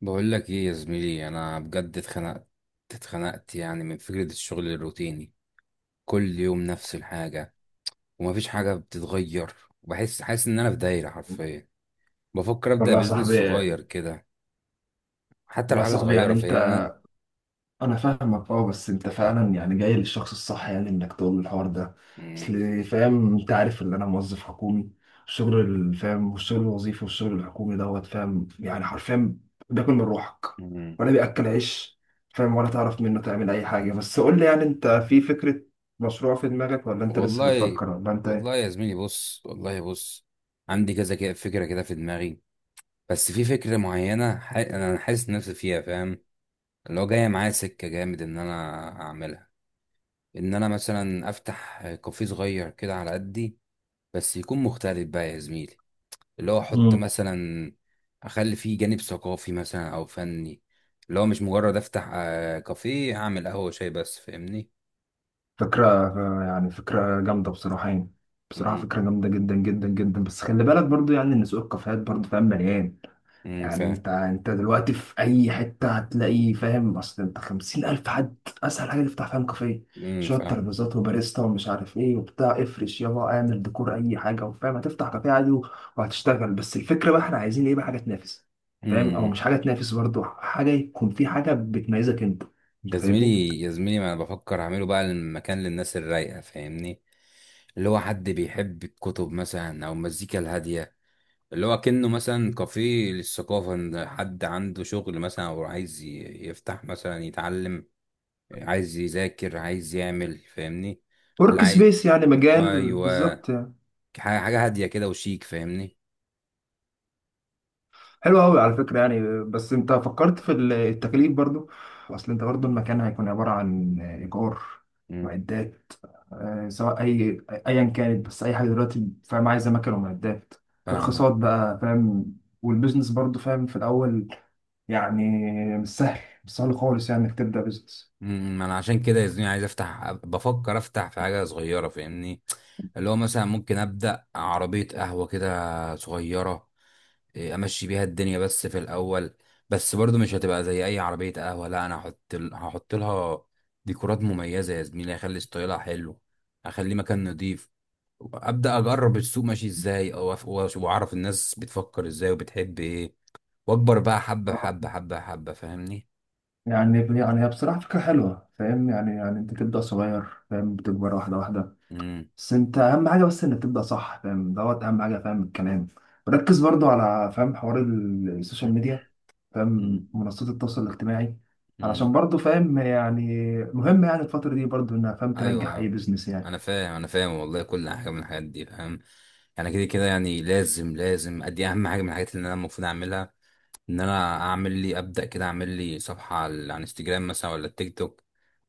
بقول لك ايه يا زميلي، انا بجد اتخنقت. يعني من فكرة الشغل الروتيني. كل يوم نفس الحاجة، ومفيش حاجة بتتغير، وبحس حاسس ان انا في دايرة حرفيا. بفكر ابدأ والله يا بيزنس صاحبي صغير كده، حتى لو والله يا حاجة صاحبي يعني صغيرة. انت، فاهمني؟ انا فاهمك. اه، بس انت فعلا يعني جاي للشخص الصح، يعني انك تقول له الحوار ده. مم. اصل فاهم، انت عارف ان انا موظف حكومي. الشغل فاهم، والشغل الوظيفي والشغل الحكومي دوت، فاهم، يعني حرفيا بياكل من روحك مم. ولا بياكل عيش. فاهم، ولا تعرف منه تعمل اي حاجه. بس قول لي، يعني انت في فكره مشروع في دماغك، ولا انت لسه والله بتفكر، ولا انت والله يا زميلي، بص. والله بص، عندي كذا كده فكرة كده في دماغي. بس في فكرة معينة انا حاسس نفسي فيها. فاهم؟ اللي هو جاية معايا سكة جامد ان انا اعملها، ان انا مثلا افتح كافيه صغير كده على قدي. بس يكون مختلف بقى يا زميلي. اللي هو احط ايه؟ مثلا، اخلي فيه جانب ثقافي مثلا او فني. اللي هو مش مجرد افتح كافيه، اعمل قهوة شاي بس. فاهمني؟ فكرة، يعني فكرة جامدة بصراحة، يعني بصراحة امم، فكرة جامدة جدا جدا جدا. بس خلي بالك برضو، يعني ان سوق الكافيهات برضو فاهم مليان. أمم، يعني فاهم. انت دلوقتي في اي حتة هتلاقي، فاهم، اصل انت 50,000 حد اسهل حاجة تفتح، فاهم، كافيه. امم، شوية فاهم. ترابيزات وباريستا ومش عارف ايه وبتاع، افرش يابا، اعمل ديكور اي حاجة، وفاهم هتفتح كافيه عادي وهتشتغل. بس الفكرة بقى احنا عايزين ايه بقى، حاجة تنافس، فاهم، او امم، مش حاجة تنافس، برضو حاجة يكون في حاجة بتميزك انت. انت يا فاهمني؟ زميلي يا زميلي، ما انا بفكر اعمله بقى المكان للناس الرايقة. فاهمني؟ اللي هو حد بيحب الكتب مثلا او المزيكا الهادية. اللي هو كأنه مثلا كافيه للثقافة، إن حد عنده شغل مثلا، أو عايز يفتح مثلا يتعلم، عايز يذاكر، عايز يعمل. فاهمني؟ اللي ورك عايز. سبيس يعني، مجال أيوه. بالظبط. حاجة هادية كده وشيك. فاهمني؟ حلو قوي على فكرة، يعني بس انت فكرت في التكاليف برضو؟ اصل انت برضو المكان هيكون عبارة عن ايجار، مم. معدات، سواء اي ايا كانت. بس اي حاجة دلوقتي فاهم عايزة مكن ومعدات، فاهمك. ترخيصات بقى، فاهم، والبيزنس برضو، فاهم، في الاول. يعني مش سهل، مش سهل خالص، يعني انك تبدأ بيزنس. مم، ما أنا عشان كده يا زميلي، عايز أفتح بفكر أفتح في حاجة صغيرة. فاهمني؟ اللي هو مثلا ممكن أبدأ عربية قهوة كده صغيرة. امشي بيها الدنيا بس في الاول. بس برضو مش هتبقى زي اي عربيه قهوه. لا، انا هحط لها ديكورات مميزه يا زميلي، هخلي ستايلها حلو، هخليه مكان نضيف. ابدا اجرب السوق ماشي ازاي، واعرف الناس بتفكر ازاي وبتحب ايه، واكبر بقى حبه آه. حبه حبه حبه. فاهمني؟ يعني يعني هي بصراحة فكرة حلوة، فاهم، يعني يعني انت تبدأ صغير، فاهم، بتكبر واحدة واحدة. امم. بس انت اهم حاجه بس انك تبدا صح، فاهم، دوت اهم حاجه، فاهم الكلام. ركز برضو على، فاهم، حوار السوشيال ميديا، امم. فاهم، منصات التواصل الاجتماعي. أمم. علشان برضو فاهم يعني مهم، يعني الفتره دي برضو انها فاهم تنجح اي ايوه، بيزنس يعني. انا فاهم، انا فاهم والله. كل حاجه من الحاجات دي فاهم. يعني كده كده يعني، لازم ادي اهم حاجه من الحاجات اللي انا المفروض اعملها. ان انا اعمل لي ابدا كده، اعمل لي صفحه على انستجرام مثلا، ولا التيك توك.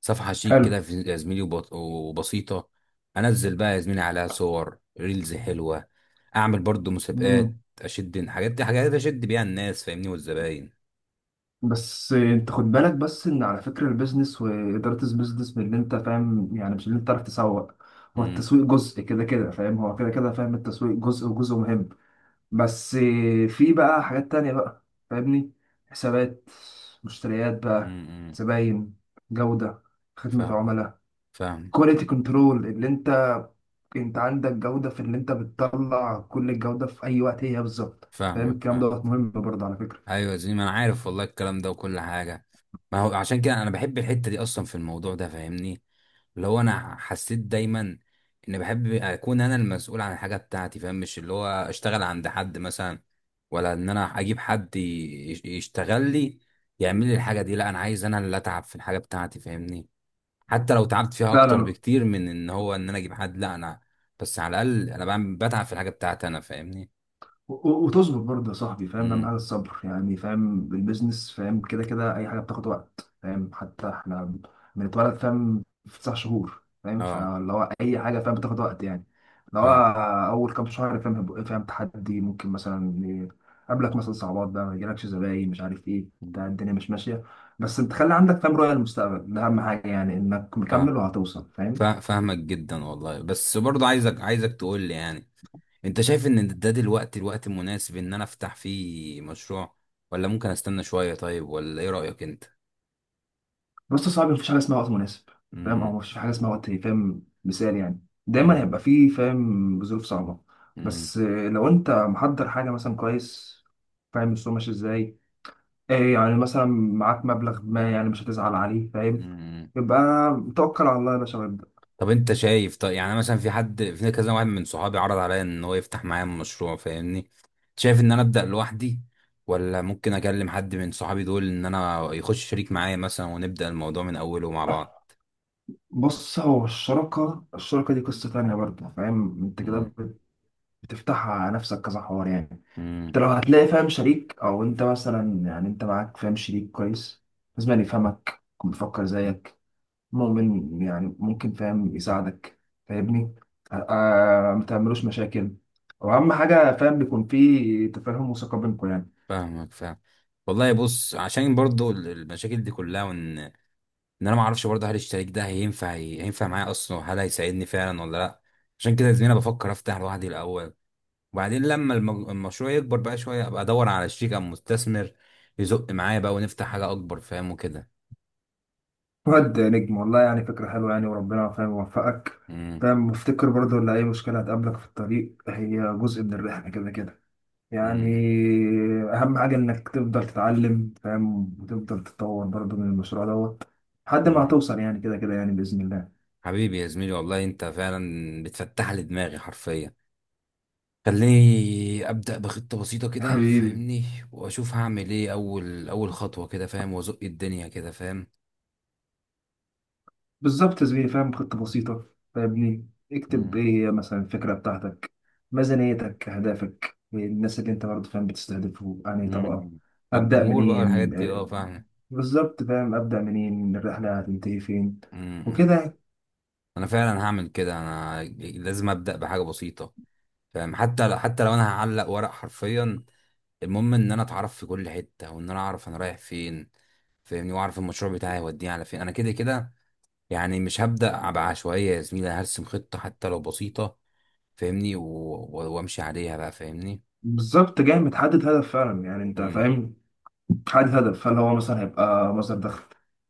صفحه شيك حلو. كده يا زميلي وبسيطه. انزل بقى يا زميلي عليها صور ريلز حلوه. اعمل برضو مسابقات، مم. اشد الحاجات دي، حاجات اشد بيها الناس. فاهمني؟ والزباين. بس انت خد بالك بس ان على فكره البيزنس، واداره البيزنس من اللي انت فاهم، يعني مش اللي انت تعرف تسوق. هو امم. التسويق جزء كده كده، فاهم، هو كده كده، فاهم، التسويق جزء وجزء مهم. بس في بقى حاجات تانية بقى، فاهمني، حسابات، مشتريات بقى، امم. إمم. زباين، جودة، خدمة فاهم. عملاء، فاهم. كواليتي كنترول. اللي انت انت عندك جودة في اللي انت بتطلع، كل الجودة في اي وقت هي بالظبط، فاهم فاهمك. الكلام، فاهم. دوت مهم برضه على فكرة. ايوه زي ما انا عارف والله، الكلام ده وكل حاجه. ما هو عشان كده انا بحب الحته دي اصلا في الموضوع ده. فاهمني؟ اللي هو انا حسيت دايما ان بحب اكون انا المسؤول عن الحاجه بتاعتي. فاهم؟ مش اللي هو اشتغل عند حد مثلا، ولا ان انا اجيب حد يشتغل لي، يعمل لي الحاجه دي. لا، انا عايز انا اللي اتعب في الحاجه بتاعتي. فاهمني؟ حتى لو تعبت فيها اكتر فعلا. بكتير من ان هو ان انا اجيب حد، لا انا بس على الاقل انا بعمل بتعب في الحاجه بتاعتي انا. فاهمني؟ وتصبر برضه يا صاحبي، فاهم، اهم امم. حاجه الصبر، يعني فاهم البيزنس، فاهم كده كده اي حاجه بتاخد وقت، فاهم حتى احنا بنتولد فاهم في 9 شهور، فاهم اه. فاللي هو اي حاجه فاهم بتاخد وقت يعني. اللي هو فاهم. اول كام شهر، فاهم، هيبقى فاهم تحدي، ممكن مثلا يقابلك مثلا صعوبات بقى، ما يجيلكش زباين، مش عارف ايه، بتاع الدنيا مش ماشيه. بس انت خلي عندك، فاهم، رؤيه للمستقبل. ده اهم حاجه، يعني انك فاهم. مكمل وهتوصل فاهم. فاهمك جدا والله. بس برضو عايزك تقول لي، يعني انت شايف ان ده دلوقتي الوقت المناسب ان انا افتح فيه مشروع، ولا ممكن استنى شوية؟ طيب، ولا ايه رأيك انت؟ بس صعب، مفيش حاجه اسمها وقت مناسب، فاهم، او امم. مفيش حاجه اسمها وقت، فاهم، مثال يعني. دايما امم. هيبقى فيه فاهم ظروف صعبه. امم. بس لو انت محضر حاجه مثلا كويس، فاهم السوق ماشي ازاي، ايه يعني مثلا معاك مبلغ ما، يعني مش هتزعل عليه، فاهم. امم. يبقى توكل على الله يا باشا وابدأ. طب انت شايف؟ طيب يعني مثلا في حد، في كذا واحد من صحابي عرض عليا ان هو يفتح معايا مشروع. فاهمني؟ شايف ان انا ابدأ لوحدي، ولا ممكن اكلم حد من صحابي دول ان انا يخش شريك معايا مثلا ونبدأ الموضوع من اوله مع بعض؟ بص، هو الشراكة، الشراكة دي قصة تانية برضه، فاهم، انت كده بتفتحها على نفسك كذا حوار يعني. انت امم. لو هتلاقي، فاهم، شريك، او انت مثلا يعني انت معاك فاهم شريك كويس، لازم يعني يفهمك، يكون بيفكر زيك، مؤمن يعني ممكن فاهم يساعدك، فاهمني. ما تعملوش مشاكل. واهم حاجه فاهم بيكون في تفاهم وثقه بينكم يعني. فاهمك. فاهم. والله بص، عشان برضو المشاكل دي كلها، وان ان انا ما اعرفش برضو هل الشريك ده هينفع معايا اصلا، وهل هيساعدني فعلا ولا لا. عشان كده يا زميلي انا بفكر افتح لوحدي الاول، وبعدين لما المشروع يكبر بقى شويه، ابقى ادور على شريك او مستثمر يزق معايا بقى، ونفتح حاجه اكبر. فاهم؟ وكده. واد نجم والله، يعني فكره حلوه يعني، وربنا فاهم يوفقك. امم. فاهم، وافتكر برضه ان اي مشكله هتقابلك في الطريق هي جزء من الرحله، كده كده يعني. امم. اهم حاجه انك تفضل تتعلم فاهم، وتفضل تتطور برضو من المشروع دوت، لحد ما امم. هتوصل، يعني كده كده يعني باذن الله. حبيبي يا زميلي والله، انت فعلا بتفتح لي دماغي حرفيا. خليني ابدا بخطه بسيطه كده. حبيبي. فاهمني؟ واشوف هعمل ايه اول اول خطوه كده. فاهم؟ وازق الدنيا كده. فاهم؟ بالظبط يا زميلي، فاهم، خطه بسيطه، فاهمني، اكتب مم. ايه هي مثلا الفكره بتاعتك، ميزانيتك، اهدافك، الناس اللي انت برضو فاهم بتستهدفه، يعني طبقه. مم. ابدا والجمهور بقى، الحاجات منين، دي، اه. فاهم؟ بالظبط فاهم ابدا منين، الرحله هتنتهي فين، مم. وكده يعني. انا فعلا هعمل كده، انا لازم ابدا بحاجه بسيطه. فاهم؟ حتى لو انا هعلق ورق حرفيا، المهم ان انا اتعرف في كل حته، وان انا اعرف انا رايح فين. فاهمني؟ واعرف المشروع بتاعي هيوديني على فين انا كده كده يعني. مش هبدا بعشوائيه يا زميلي، هرسم خطه حتى لو بسيطه. فاهمني؟ وامشي عليها بقى. فاهمني؟ بالظبط، جاي متحدد هدف فعلا، يعني انت امم. فاهم، حدد هدف، هل هو مثلا هيبقى مصدر دخل،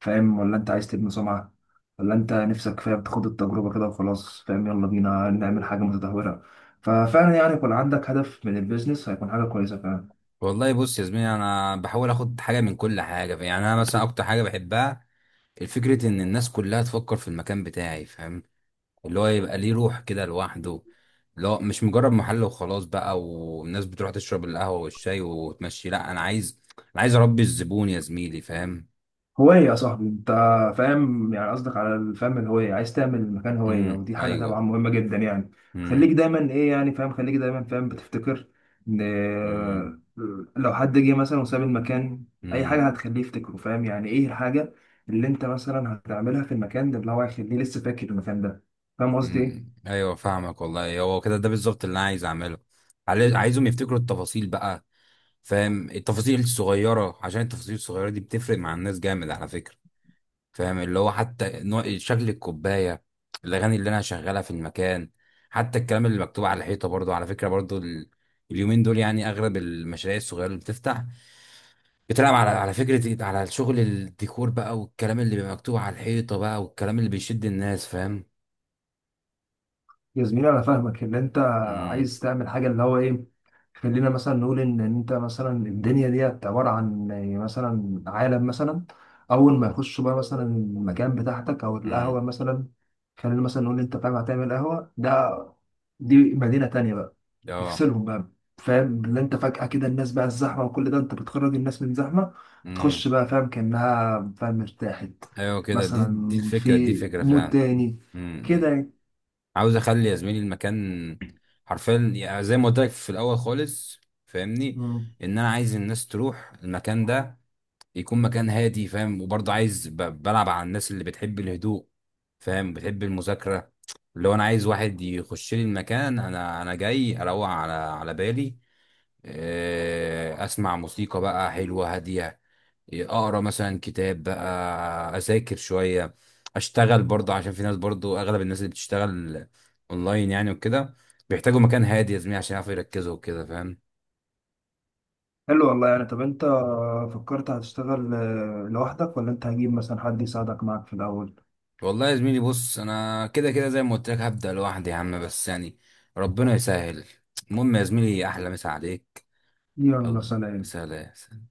فاهم، ولا انت عايز تبني سمعة، ولا انت نفسك فاهم تاخد التجربة كده وخلاص، فاهم يلا بينا نعمل حاجة متدهورة. ففعلا يعني يكون عندك هدف من البيزنس، هيكون حاجة كويسة فعلا. والله بص يا زميلي، انا بحاول اخد حاجه من كل حاجه. يعني انا مثلا اكتر حاجه بحبها، الفكرة ان الناس كلها تفكر في المكان بتاعي. فاهم؟ اللي هو يبقى ليه روح كده لوحده. اللي هو مش مجرد محل وخلاص بقى، والناس بتروح تشرب القهوه والشاي وتمشي. لا، انا عايز، انا عايز اربي الزبون يا زميلي. فاهم؟ هواية يا صاحبي انت، فاهم، يعني قصدك على الفهم، الهوية. عايز تعمل مكان هوية، امم. ودي حاجة طبعا ايوه. مهمة جدا يعني. امم. خليك دايما ايه يعني فاهم، خليك دايما فاهم بتفتكر ان، لو حد جه مثلا وساب المكان، اي امم. حاجة هتخليه يفتكره، فاهم يعني، ايه الحاجة اللي انت مثلا هتعملها في المكان ده، اللي هو هيخليه لسه فاكر المكان ده، فاهم قصدي ايه؟ مم. ايوه فاهمك والله. هو كده، ده بالظبط اللي انا عايز اعمله. عايزهم يفتكروا التفاصيل بقى. فاهم؟ التفاصيل الصغيره، عشان التفاصيل الصغيره دي بتفرق مع الناس جامد على فكره. فاهم؟ اللي هو حتى نوع شكل الكوبايه، الاغاني اللي انا هشغلها في المكان، حتى الكلام اللي مكتوب على الحيطه برضو على فكره. برضو اليومين دول يعني اغلب المشاريع الصغيره اللي بتفتح، بتلعب على فكره على شغل الديكور بقى، والكلام اللي بيبقى مكتوب على الحيطه بقى، والكلام اللي بيشد الناس. فاهم؟ يا زميلي انا فاهمك ان انت امم. عايز تعمل حاجه اللي هو ايه. خلينا مثلا نقول ان انت مثلا الدنيا ديت عباره عن يعني مثلا عالم مثلا، اول ما يخش بقى مثلا المكان بتاعتك او امم. القهوه مثلا. خلينا مثلا نقول انت فاهم هتعمل قهوه، ده دي مدينه تانية بقى، اه. يفصلهم بقى، فاهم اللي انت فجاه كده الناس بقى الزحمه وكل ده، انت بتخرج الناس من زحمه، امم. بتخش بقى فاهم كانها فاهم ارتاحت، ايوه كده، دي مثلا الفكره، في دي فكره مود فعلا. تاني، كده امم. يعني. عاوز اخلي يا زميلي المكان حرفيا، يعني زي ما قلت لك في الاول خالص. فاهمني؟ مم. ان انا عايز الناس تروح المكان ده، يكون مكان هادي. فاهم؟ وبرضه عايز بلعب على الناس اللي بتحب الهدوء. فاهم؟ بتحب المذاكره. اللي هو انا عايز واحد يخش لي المكان، انا جاي اروق على بالي. اسمع موسيقى بقى حلوه هاديه، اقرا مثلا كتاب بقى، اذاكر شويه، اشتغل برضه. عشان في ناس برضه، اغلب الناس اللي بتشتغل اونلاين يعني وكده، بيحتاجوا مكان هادي يا زميلي عشان يعرفوا يركزوا وكده. فاهم؟ حلو والله، يعني طب انت فكرت هتشتغل لوحدك، ولا انت هجيب مثلا حد يساعدك معاك في الاول؟ والله يا زميلي بص، انا كده كده زي ما قلت لك هبدا لوحدي يا عم. بس يعني ربنا يسهل. المهم يا زميلي، احلى مسا عليك. يلا الله. سلام. سلام.